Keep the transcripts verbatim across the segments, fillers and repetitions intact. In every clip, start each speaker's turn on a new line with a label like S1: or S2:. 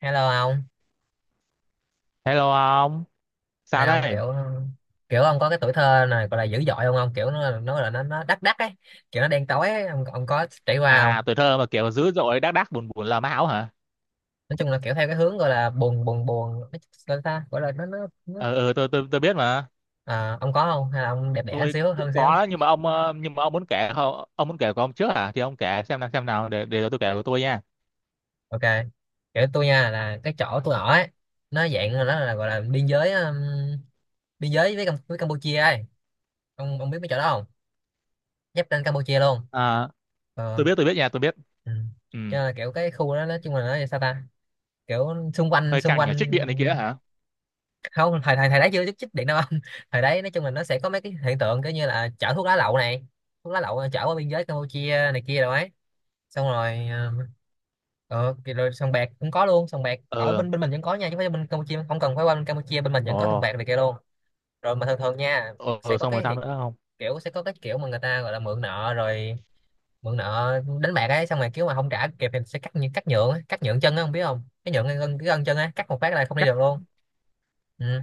S1: Hello ông.
S2: Hello ông,
S1: Ê,
S2: sao
S1: ông
S2: đây?
S1: kiểu kiểu ông có cái tuổi thơ này gọi là dữ dội không ông, kiểu nó nó là nó nó đắc đắc ấy, kiểu nó đen tối ấy. Ông, ông có trải qua không?
S2: À, tuổi thơ mà kiểu dữ dội đác đác buồn buồn là máu hả?
S1: Nói chung là kiểu theo cái hướng gọi là buồn buồn buồn nói chung là ta gọi là nó nó, nó.
S2: Ờ, ừ, tôi tôi tôi biết mà.
S1: À, ông có không hay là ông đẹp đẽ
S2: Tôi
S1: xíu
S2: cũng
S1: hơn xíu?
S2: có đó, nhưng mà ông ờ, nhưng mà ông muốn kể không? Ông muốn kể của ông trước hả? Thì ông kể xem nào xem nào để để tôi kể của tôi nha.
S1: Ok, kiểu tôi nha, là cái chỗ tôi ở ấy, nó dạng là nó là gọi là biên giới, um, biên giới với Cam- với Campuchia ấy. Ông ông biết mấy chỗ đó không? Giáp ranh Campuchia luôn.
S2: À, tôi
S1: Ờ.
S2: biết tôi biết nha, tôi biết.
S1: Ừ.
S2: Ừ,
S1: Cho nên là kiểu cái khu đó nói chung là nó sao ta, kiểu xung quanh
S2: hơi
S1: xung
S2: căng nhờ
S1: quanh
S2: trích điện này kia hả?
S1: không, thời thời thời đấy chưa chút chích điện đâu anh. Thời đấy nói chung là nó sẽ có mấy cái hiện tượng kiểu như là chở thuốc lá lậu này, thuốc lá lậu, ờ, chở qua biên giới Campuchia này kia rồi ấy, xong rồi, ờ, ờ, kì- rồi sòng bạc cũng có luôn, sòng bạc ở
S2: Ừ.
S1: bên bên mình vẫn có nha, chứ không phải bên Campuchia, không cần phải qua bên Campuchia, bên mình vẫn có sòng
S2: Ồ,
S1: bạc này kia luôn, rồi mà thường thường nha,
S2: ồ,
S1: sẽ
S2: ừ,
S1: có
S2: xong rồi
S1: cái
S2: sao
S1: hiện-
S2: nữa không?
S1: kiểu sẽ có cái kiểu mà người ta gọi là mượn nợ, rồi mượn nợ đánh bạc ấy, xong rồi kiểu mà không trả kịp thì sẽ cắt, như cắt nhượng ấy, cắt nhượng chân á, không biết không cái nhượng cái gân, cái gân chân á, cắt một phát là không đi
S2: Chắc,
S1: được luôn. Ừ.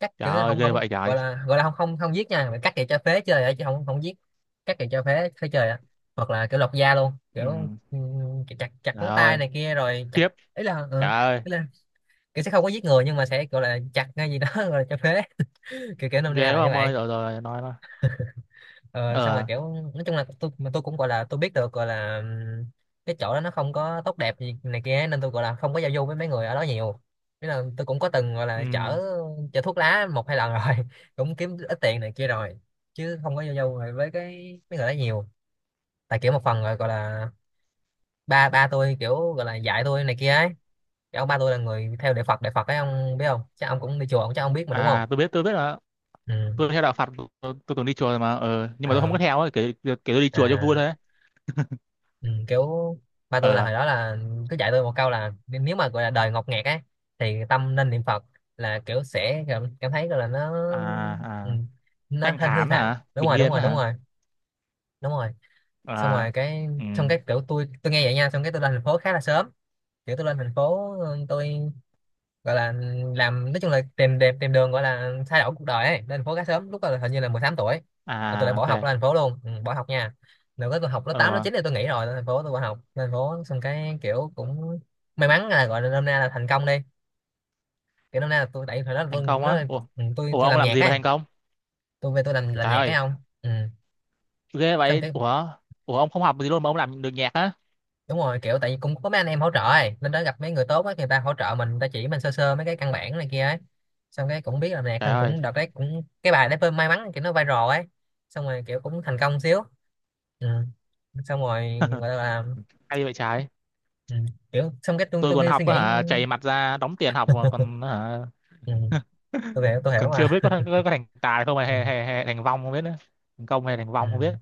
S1: Cắt
S2: trời
S1: kiểu là
S2: ơi,
S1: không,
S2: ghê
S1: không
S2: vậy trời.
S1: gọi là gọi là không không không giết nha, mà cắt thì cho phế chơi vậy, chứ không không giết, cắt thì cho phế phế chơi á, hoặc là kiểu lột da luôn,
S2: Ừ,
S1: kiểu, ừ, chặt chặt
S2: trời
S1: ngón tay
S2: ơi,
S1: này kia rồi chặt,
S2: khiếp.
S1: ấy là, ừ,
S2: Trời ơi,
S1: ý là kiểu sẽ không có giết người, nhưng mà sẽ gọi là chặt ngay gì đó rồi cho phế. Kiểu kiểu nôm na
S2: ghê quá
S1: là như
S2: ông ơi.
S1: vậy.
S2: Rồi rồi, nói nói.
S1: Ờ, xong rồi
S2: Ờ.
S1: kiểu nói chung là tôi, mà tôi cũng gọi là tôi biết được, gọi là ừm, cái chỗ đó nó không có tốt đẹp gì này kia ấy, nên tôi gọi là không có giao du với mấy người ở đó nhiều, thế là tôi cũng có từng gọi
S2: Ừ.
S1: là chở chở thuốc lá một hai lần rồi cũng kiếm ít tiền này kia rồi, chứ không có giao du rồi với cái mấy người đó nhiều, tại kiểu một phần rồi gọi là ba ba tôi kiểu gọi là dạy tôi này kia ấy. Cái ông ba tôi là người theo đạo Phật, đạo Phật ấy, ông biết không, chắc ông cũng đi chùa, ông chắc ông biết mà, đúng không.
S2: À, tôi biết tôi biết rồi.
S1: Ừ.
S2: Tôi theo đạo Phật. Tôi, tôi, tôi từng đi chùa rồi, mà ờ, nhưng mà tôi không
S1: Ờ.
S2: có theo ấy, kể, kể tôi đi chùa cho vui thôi
S1: À.
S2: ấy.
S1: Ừ, kiểu ba tôi là
S2: ờ
S1: hồi đó là cứ dạy tôi một câu là, n- nếu mà gọi là đời ngột ngạt ấy thì tâm nên niệm Phật, là kiểu sẽ cảm, cảm thấy gọi là nó,
S2: à,
S1: ừ,
S2: à,
S1: nó
S2: thanh
S1: thanh thư
S2: thản
S1: thản.
S2: hả,
S1: Đúng
S2: bình
S1: rồi, đúng
S2: yên
S1: rồi, đúng
S2: hả?
S1: rồi, đúng rồi. Xong
S2: À,
S1: rồi cái,
S2: ừ,
S1: xong cái kiểu tôi tôi nghe vậy nha, xong cái tôi lên thành phố khá là sớm, kiểu tôi lên thành phố, ừ, tôi gọi là làm, nói chung là tìm tìm tìm đường gọi là thay đổi cuộc đời ấy, lên thành phố khá sớm, lúc đó là hình như là mười tám tuổi là tôi đã
S2: à,
S1: bỏ học
S2: ok,
S1: lên thành phố luôn. Ừ, bỏ học nha, được cái tôi học lớp tám lớp
S2: ờ,
S1: chín thì tôi nghỉ, rồi lên thành phố, tôi bỏ học lên thành phố, xong cái kiểu cũng may mắn là gọi là năm nay là thành công đi, kiểu năm nay là tôi, tại thời đó là tôi
S2: thành
S1: cũng
S2: công á?
S1: nói,
S2: Ủa,
S1: ừ, tôi
S2: ủa
S1: tôi
S2: ông
S1: làm
S2: làm
S1: nhạc
S2: gì mà
S1: ấy,
S2: thành công?
S1: tôi về tôi làm làm
S2: Trời
S1: nhạc ấy
S2: ơi,
S1: không. Ừ.
S2: ghê
S1: Xong
S2: vậy.
S1: cái,
S2: Ủa, ủa ông không học gì luôn mà ông làm được nhạc á?
S1: đúng rồi kiểu tại vì cũng có mấy anh em hỗ trợ ấy, lên đó gặp mấy người tốt ấy, người ta hỗ trợ mình, người ta chỉ mình sơ sơ mấy cái căn bản này kia ấy, xong cái cũng biết là nè,
S2: Trời
S1: thằng
S2: ơi.
S1: cũng đợt đấy cũng cái bài đấy may mắn kiểu nó viral ấy, xong rồi kiểu cũng thành công xíu. Ừ. Xong rồi gọi là,
S2: Hay vậy trái.
S1: ừ, kiểu xong cái tôi
S2: Tôi
S1: tôi
S2: còn
S1: nghe suy
S2: học
S1: nghĩ.
S2: á hả, chảy mặt ra đóng tiền học mà còn hả?
S1: Ừ. Tôi hiểu, tôi hiểu
S2: Còn chưa biết
S1: mà.
S2: có, thành- có, có thành tài không, hay,
S1: Ừ.
S2: hay, hay, hay thành vong không biết nữa. Thành công hay thành
S1: Ừ.
S2: vong không biết.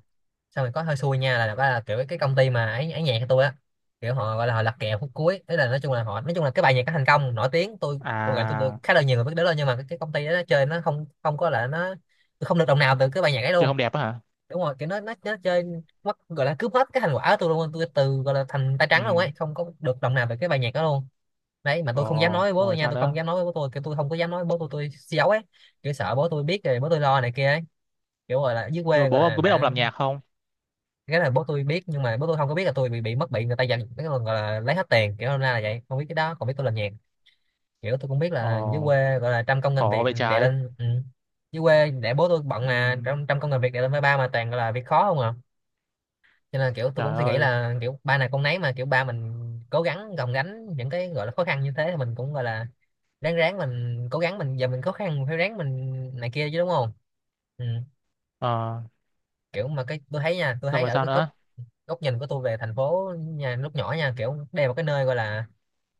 S1: Xong rồi có hơi xui nha, là, là kiểu cái công ty mà ấy, ấy nhạc của tôi á, kiểu họ gọi là họ lật kèo phút cuối, thế là nói chung là họ, nói chung là cái bài nhạc nó thành công nổi tiếng, tôi tôi gọi tôi được
S2: À,
S1: khá là nhiều người biết đến rồi, nhưng mà cái, cái công ty đó nó chơi, nó không, không có là nó, tôi không được đồng nào từ cái bài nhạc ấy
S2: chơi
S1: luôn.
S2: không đẹp á hả?
S1: Đúng rồi, kiểu nó nó, nó chơi mất, gọi là cướp hết cái thành quả của tôi luôn, tôi từ gọi là thành tay trắng luôn ấy,
S2: Ừ.
S1: không có được đồng nào từ cái bài nhạc đó luôn. Đấy mà
S2: Ờ,
S1: tôi không dám nói với bố tôi
S2: rồi
S1: nha,
S2: sao
S1: tôi không
S2: nữa?
S1: dám nói với bố tôi, kiểu tôi không có dám nói với bố tôi tôi giấu ấy, kiểu sợ bố tôi biết rồi bố tôi lo này kia ấy, kiểu gọi là dưới
S2: Nhưng mà
S1: quê gọi
S2: bố ông
S1: là
S2: có biết ông làm
S1: đã,
S2: nhạc không?
S1: cái này bố tôi biết, nhưng mà bố tôi không có biết là tôi bị bị mất, bị người ta giành cái còn gọi là lấy hết tiền, kiểu hôm nay là vậy, không biết cái đó còn biết tôi làm nhạc, kiểu tôi cũng biết
S2: Ờ,
S1: là dưới quê gọi là trăm công ngàn
S2: khổ
S1: việc
S2: vậy
S1: đè
S2: trái.
S1: lên. Ừ. Dưới quê để bố tôi bận
S2: Ừ,
S1: mà trăm trăm công ngàn việc đè lên với ba, mà toàn gọi là việc khó không à, cho nên kiểu tôi cũng
S2: trời
S1: suy nghĩ
S2: ơi.
S1: là kiểu ba này con nấy, mà kiểu ba mình cố gắng gồng gánh những cái gọi là khó khăn như thế thì mình cũng gọi là ráng ráng mình cố gắng mình, giờ mình khó khăn mình phải ráng mình này kia chứ, đúng không. Ừ.
S2: Ờ,
S1: Kiểu mà cái tôi thấy nha, tôi
S2: xong
S1: thấy
S2: rồi
S1: ở
S2: sao
S1: cái góc
S2: nữa?
S1: góc nhìn của tôi về thành phố nhà lúc nhỏ nha, kiểu đây là một cái nơi gọi là,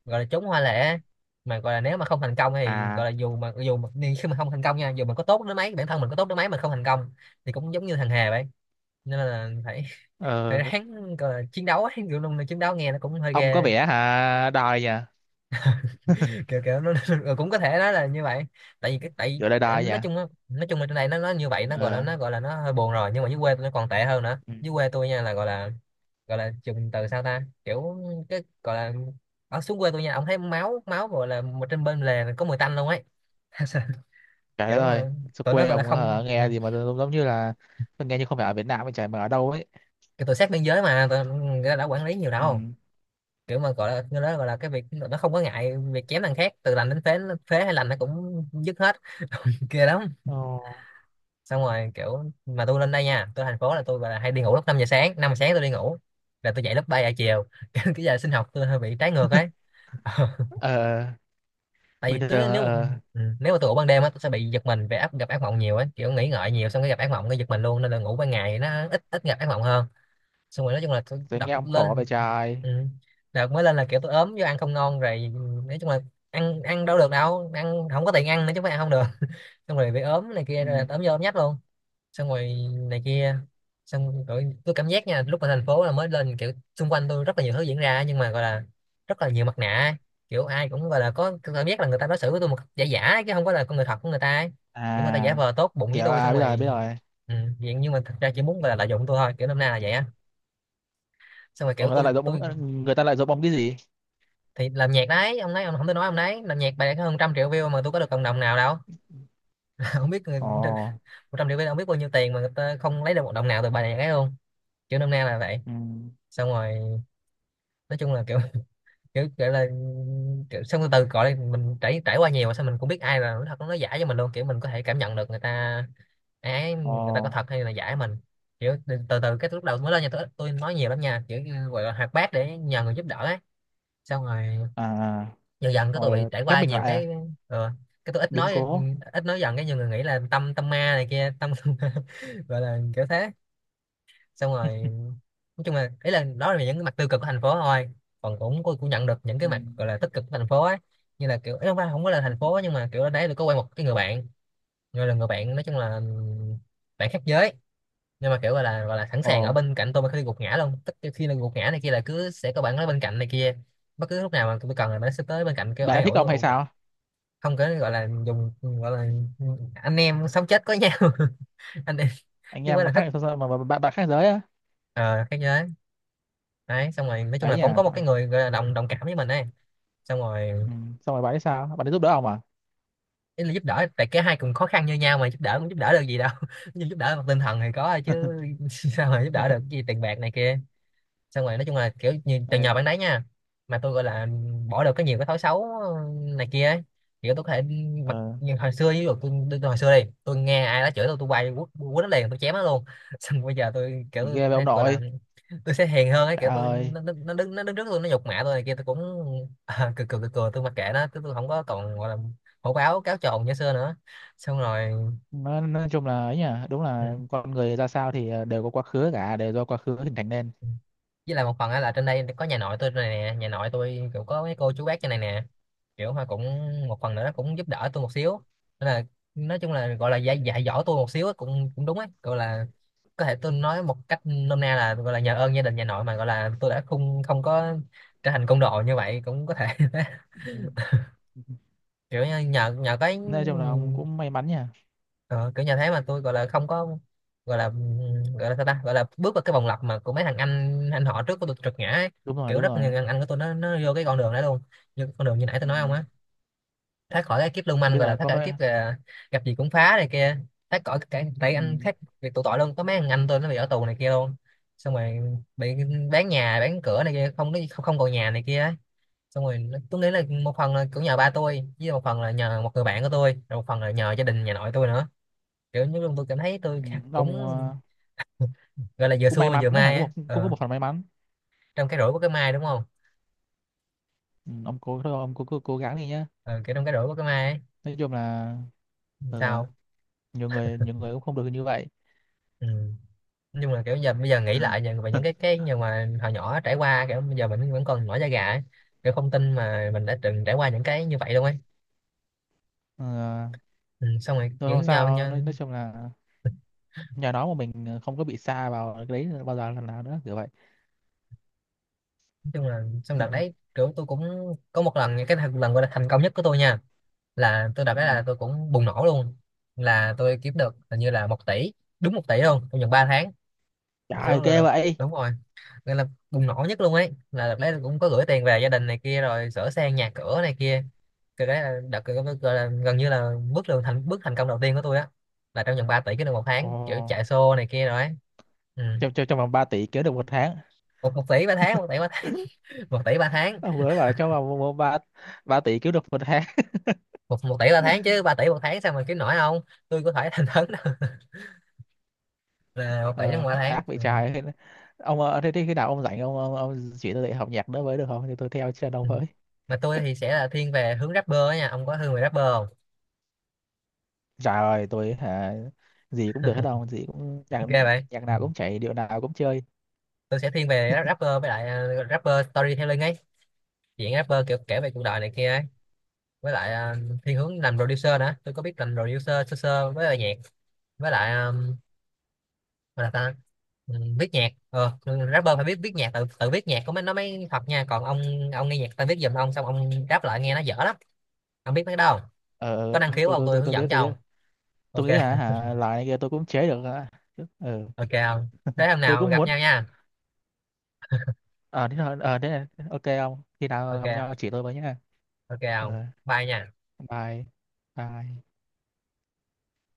S1: gọi là chốn hoa lệ, mà gọi là nếu mà không thành công thì gọi
S2: À,
S1: là, dù mà dù mà đi khi mà không thành công nha, dù mình có tốt đến mấy, bản thân mình có tốt đến mấy mà không thành công thì cũng giống như thằng Hà vậy, nên là phải phải
S2: ờ,
S1: ráng gọi là chiến đấu ấy, kiểu luôn là chiến đấu nghe nó cũng hơi
S2: ông có
S1: ghê,
S2: vẻ hả, đòi nhỉ,
S1: kiểu kiểu nó, ừ, cũng có thể nói là như vậy, tại vì cái tại
S2: kiểu là đòi nhỉ.
S1: nói chung á- nói chung là trên này nó nó như vậy, nó gọi là,
S2: Ờ,
S1: nó gọi là nó hơi buồn rồi, nhưng mà dưới quê tôi nó còn tệ hơn nữa.
S2: ừ.
S1: Dưới quê tôi nha là gọi là, gọi là dùng từ sao ta, kiểu cái gọi là ở xuống quê tôi nha, ông thấy máu, máu gọi là một trên bên lề có mùi tanh luôn ấy.
S2: Trời đất
S1: Kiểu
S2: ơi,
S1: mà
S2: sao
S1: tụi nó
S2: quê
S1: gọi là
S2: ông hả,
S1: không, ừ,
S2: nghe gì mà giống giống như là tôi nghe như không phải ở Việt Nam vậy trời, mà ở đâu ấy?
S1: cái tụi sát biên giới mà tụi nó đã quản lý nhiều
S2: Ừ.
S1: đâu, kiểu mà gọi là nó đó, gọi là cái việc nó không có ngại việc chém thằng khác từ lành đến phế, phế hay lành nó cũng dứt hết. Kia lắm.
S2: Ờ,
S1: Xong rồi kiểu mà tôi lên đây nha, tôi thành phố là tôi là hay đi ngủ lúc năm giờ sáng, năm giờ sáng tôi đi ngủ, là tôi dậy lúc ba giờ chiều, cái cái giờ sinh học tôi hơi bị trái ngược ấy. Ờ,
S2: ờ,
S1: tại
S2: bình
S1: vì tôi
S2: thường.
S1: nếu,
S2: Ờ,
S1: ừ, nếu mà tôi ngủ ban đêm á, tôi sẽ bị giật mình, về áp gặp ác mộng nhiều ấy, kiểu nghĩ ngợi nhiều, xong cái gặp ác mộng cái giật mình luôn, nên là ngủ ban ngày thì nó ít ít gặp ác mộng hơn, xong rồi nói chung là tôi
S2: tôi
S1: đọc
S2: nghe ông khổ vậy
S1: lên.
S2: trời.
S1: Ừ. Đọc mới lên là kiểu tôi ốm do ăn không ngon rồi. Nói chung là ăn ăn đâu được đâu, ăn không có tiền ăn nữa chứ không phải ăn không được. Xong rồi bị ốm này kia,
S2: Ừ.
S1: rồi ốm vô ốm nhách luôn. Xong rồi này kia. Xong rồi tôi cảm giác nha, lúc mà thành phố là mới lên, kiểu xung quanh tôi rất là nhiều thứ diễn ra nhưng mà gọi là rất là nhiều mặt nạ. Kiểu ai cũng gọi là có có cảm giác là người ta đối xử với tôi một cách giả giả chứ không có là con người thật của người ta ấy. Kiểu người ta giả
S2: À,
S1: vờ tốt bụng với
S2: kiểu,
S1: tôi xong
S2: à, biết rồi
S1: rồi
S2: biết rồi.
S1: ừ, vậy nhưng mà thật ra chỉ muốn gọi là lợi dụng tôi thôi, kiểu năm nay là vậy á. Xong rồi
S2: Ờ,
S1: kiểu
S2: người ta
S1: tôi
S2: lại giục
S1: tôi
S2: ông người ta lại giục ông cái gì?
S1: thì làm nhạc đấy, ông nói ông không thể nói ông đấy, làm nhạc bài có hơn trăm triệu view mà tôi có được cộng đồng nào đâu. Không biết người,
S2: Ồ,
S1: một trăm triệu view ông biết bao nhiêu tiền mà người ta không lấy được một đồng nào từ bài này ấy luôn. Kiểu năm nay là vậy.
S2: ừ,
S1: Xong rồi nói chung là kiểu kiểu kiểu là kiểu, xong từ từ gọi là mình trải trải qua nhiều mà sao mình cũng biết ai là nói thật nó giả cho mình luôn, kiểu mình có thể cảm nhận được người ta ái ấy,
S2: ồ,
S1: người ta có thật hay là giả mình. Kiểu từ từ, từ cái lúc đầu mới lên nhà tôi, tôi nói nhiều lắm nha, kiểu như gọi là hoạt bát để nhờ người giúp đỡ ấy. Xong rồi
S2: à, à,
S1: dần dần cái tôi bị
S2: rồi
S1: trải
S2: khép
S1: qua
S2: mình
S1: nhiều
S2: lại à,
S1: cái ờ, cái tôi ít
S2: biến
S1: nói.
S2: cố.
S1: Ít nói dần cái nhiều người nghĩ là tâm tâm ma này kia tâm. Gọi là kiểu thế. Xong rồi nói chung là ý là đó là những cái mặt tiêu cực của thành phố thôi, còn cũng cô cũng nhận được những cái
S2: Ừ.
S1: mặt gọi là tích cực của thành phố ấy. Như là kiểu ý không phải không có là thành phố, nhưng mà kiểu đấy tôi có quen một cái người bạn, người là người bạn nói chung là bạn khác giới, nhưng mà kiểu gọi là gọi là sẵn sàng ở
S2: Ồ,
S1: bên cạnh tôi mà khi gục ngã luôn, tức là khi là gục ngã này kia là cứ sẽ có bạn ở bên cạnh này kia. Bất cứ lúc nào mà tôi cần là nó sẽ tới bên cạnh kêu
S2: bạn đã
S1: an
S2: thích
S1: ủi
S2: ông
S1: tôi
S2: hay
S1: ủ-
S2: sao?
S1: không có, gọi là dùng gọi là anh em sống chết có nhau. Anh em
S2: Anh
S1: chứ không
S2: em
S1: phải
S2: mà
S1: là thích,
S2: khác, mà, mà, mà bạn bạn khác giới á,
S1: ờ khác giới. Đấy, xong rồi nói chung
S2: ấy
S1: là
S2: nhỉ?
S1: cũng có một cái người gọi là đồng đồng cảm với mình ấy. Xong rồi
S2: Ừ. Xong rồi bạn ấy sao? Bạn ấy giúp đỡ ông à?
S1: ý là giúp đỡ, tại cái hai cùng khó khăn như nhau mà giúp đỡ cũng giúp đỡ được gì đâu. Nhưng giúp đỡ mặt tinh thần thì có thôi chứ sao mà giúp đỡ được cái gì tiền bạc này kia. Xong rồi nói chung là kiểu như từ nhờ
S2: Ờ,
S1: bạn đấy nha, mà tôi gọi là bỏ được cái nhiều cái thói xấu ờ, này kia ấy. Kiểu tôi có thể mặc,
S2: ờ,
S1: nhưng hồi xưa ví dụ tôi, tôi, tôi hồi xưa đi tôi nghe ai đó chửi tôi tôi quay quất quất nó liền, tôi chém nó luôn. Xong bây giờ tôi kiểu
S2: chỉ
S1: tôi
S2: ghê với ông
S1: thấy gọi là
S2: nội.
S1: tôi sẽ hiền hơn ấy,
S2: Trời
S1: kiểu tôi
S2: ơi,
S1: nó nó nó đứng, nó đứng trước tôi nó nhục mạ tôi này kia tôi cũng à, cười cười cười cười tôi mặc kệ nó, tôi, tôi không có còn gọi là hổ báo cáo trồn như xưa nữa. Xong rồi
S2: nói, nói chung là ấy nhỉ, đúng là con người ra sao thì ờ, đều có quá khứ cả, đều do quá khứ hình thành nên.
S1: ừ. Với lại một phần á là trên đây có nhà nội tôi này nè, nhà nội tôi kiểu có mấy cô chú bác trên này nè, kiểu họ cũng một phần nữa nó cũng giúp đỡ tôi một xíu, nên là nói chung là gọi là dạy dạy dỗ tôi một xíu á, cũng cũng đúng ấy, gọi là có thể tôi nói một cách nôm na là gọi là nhờ ơn gia đình nhà nội mà gọi là tôi đã không không có trở thành côn đồ như vậy cũng có thể.
S2: Ừ.
S1: Kiểu như nhờ nhờ cái
S2: Nói chung là ông cũng may mắn nhỉ.
S1: ờ, kiểu nhà thế mà tôi gọi là không có, gọi là gọi là sao ta, gọi là bước vào cái vòng lặp mà của mấy thằng anh anh họ trước của tôi trượt ngã ấy.
S2: Đúng rồi,
S1: Kiểu
S2: đúng
S1: rất nhiều
S2: rồi.
S1: thằng anh của tôi nó nó vô cái con đường đó luôn, như con đường như nãy tôi
S2: Ừ.
S1: nói không á, thoát khỏi cái kiếp lưu
S2: Em
S1: manh,
S2: biết
S1: gọi là
S2: rồi,
S1: thoát
S2: có
S1: khỏi
S2: mấy,
S1: kiếp à, gặp gì cũng phá này kia, thoát khỏi cái tại anh
S2: ừ.
S1: khác việc tụ tội luôn. Có mấy thằng anh tôi nó bị ở tù này kia luôn, xong rồi bị bán nhà bán cửa này kia, không có không, không còn nhà này kia ấy. Xong rồi nó- tôi nghĩ là một phần là cũng nhờ ba tôi, với một phần là nhờ một người bạn của tôi, rồi một phần là nhờ gia đình nhà nội tôi nữa. Kiểu như lúc tôi cảm thấy tôi
S2: Ừ. Ông
S1: cũng
S2: ờ,
S1: gọi là vừa
S2: cũng may
S1: xui mà
S2: mắn
S1: vừa
S2: đó hả,
S1: may
S2: cũng
S1: á,
S2: một cũng có
S1: ờ,
S2: một phần may mắn.
S1: trong cái rủi của cái may đúng không.
S2: Ừ, ông cố thôi, ông cố, cố, cố gắng đi nhá.
S1: Ờ, kiểu trong cái rủi của cái may ấy
S2: Nói chung là, ờ,
S1: sao.
S2: nhiều người nhiều người cũng không được như vậy.
S1: Ừ. Nói chung là kiểu giờ bây giờ nghĩ lại về về những cái cái nhưng mà hồi nhỏ trải qua, kiểu bây giờ mình vẫn còn nổi da gà ấy. Kiểu không tin mà mình đã từng trải qua những cái như vậy luôn ấy.
S2: Ờ,
S1: Ừ. Xong rồi
S2: thôi
S1: kiểu
S2: không
S1: nhờ nhau,
S2: sao, nói, nói chung là nhờ nó mà mình ờ, không có bị sa vào cái đấy bao giờ lần nào nữa kiểu vậy.
S1: nói chung là xong đợt đấy kiểu tôi cũng có một lần cái thật- lần gọi là thành công nhất của tôi nha, là tôi đợt
S2: Ừ.
S1: đấy là tôi cũng bùng nổ luôn, là tôi kiếm được hình như là một tỷ, đúng một tỷ luôn, trong vòng ba tháng.
S2: Trời
S1: Kiểu
S2: ơi, ghê
S1: là
S2: vậy.
S1: đúng rồi, gọi là bùng nổ nhất luôn ấy, là đợt đấy cũng có gửi tiền về gia đình này kia rồi sửa sang nhà cửa này kia. Cái đấy là đợt gọi là gần như là bước đường thành bước thành công đầu tiên của tôi á, là trong vòng ba tỷ cái được một
S2: Ồ,
S1: tháng kiểu chạy xô này kia rồi ấy. Ừ.
S2: trong trong trong vòng ba tỷ kiếm được một tháng.
S1: một, một tỷ ba tháng, một tỷ ba tháng. Một tỷ ba tháng.
S2: Ông mới bảo trong vòng ba ba tỷ kiếm được một tháng.
S1: Một, một tỷ ba tháng chứ, ba tỷ một tháng sao mà kiếm nổi không, tôi có thể thành thấn đâu. Là một tỷ trong
S2: ờ,
S1: mỗi tháng.
S2: ác bị
S1: Ừ.
S2: trái. Ông ờ, thế, thế khi nào ông rảnh, ông ông, ông, chỉ tôi dạy học nhạc nữa với được không? Thì tôi theo chân ông
S1: Ừ.
S2: với.
S1: Mà tôi thì sẽ là thiên về hướng rapper á nha, ông có hướng về rapper không?
S2: Trời ơi, tôi hả, gì cũng được hết đâu, gì cũng nhạc,
S1: Ghê vậy.
S2: nhạc nào cũng chạy, điệu nào cũng chơi.
S1: Tôi sẽ thiên về rapper, với lại ờ, rapper storytelling ấy, chuyện rapper kiểu kể về cuộc đời này kia ấy. Với lại ờ, thiên hướng làm producer nữa, tôi có biết làm producer sơ sơ, với lại nhạc với lại ờ, gọi là ta ừ, viết nhạc ờ rapper phải biết viết nhạc, tự tự viết nhạc có mới nó mới thật nha. Còn ông ông nghe nhạc ta viết giùm ông xong ông rap lại nghe nó dở lắm, ông biết mấy cái đâu.
S2: Ờ,
S1: Có năng
S2: ờ,
S1: khiếu
S2: tôi
S1: không,
S2: tôi
S1: tôi
S2: tôi
S1: hướng
S2: tôi biết
S1: dẫn cho
S2: tôi biết.
S1: ông. Ok.
S2: Tôi nghĩ là hả, loại này kia tôi cũng chế được, hả? Ờ,
S1: Ok không? Thế hôm
S2: tôi
S1: nào
S2: cũng
S1: gặp
S2: muốn.
S1: nhau nha.
S2: ờ thế thôi, ờ thế này, ok không? Khi nào
S1: Ok.
S2: gặp nhau chỉ tôi với nhá.
S1: Ok không?
S2: Ờ,
S1: Bye nha.
S2: bye bye.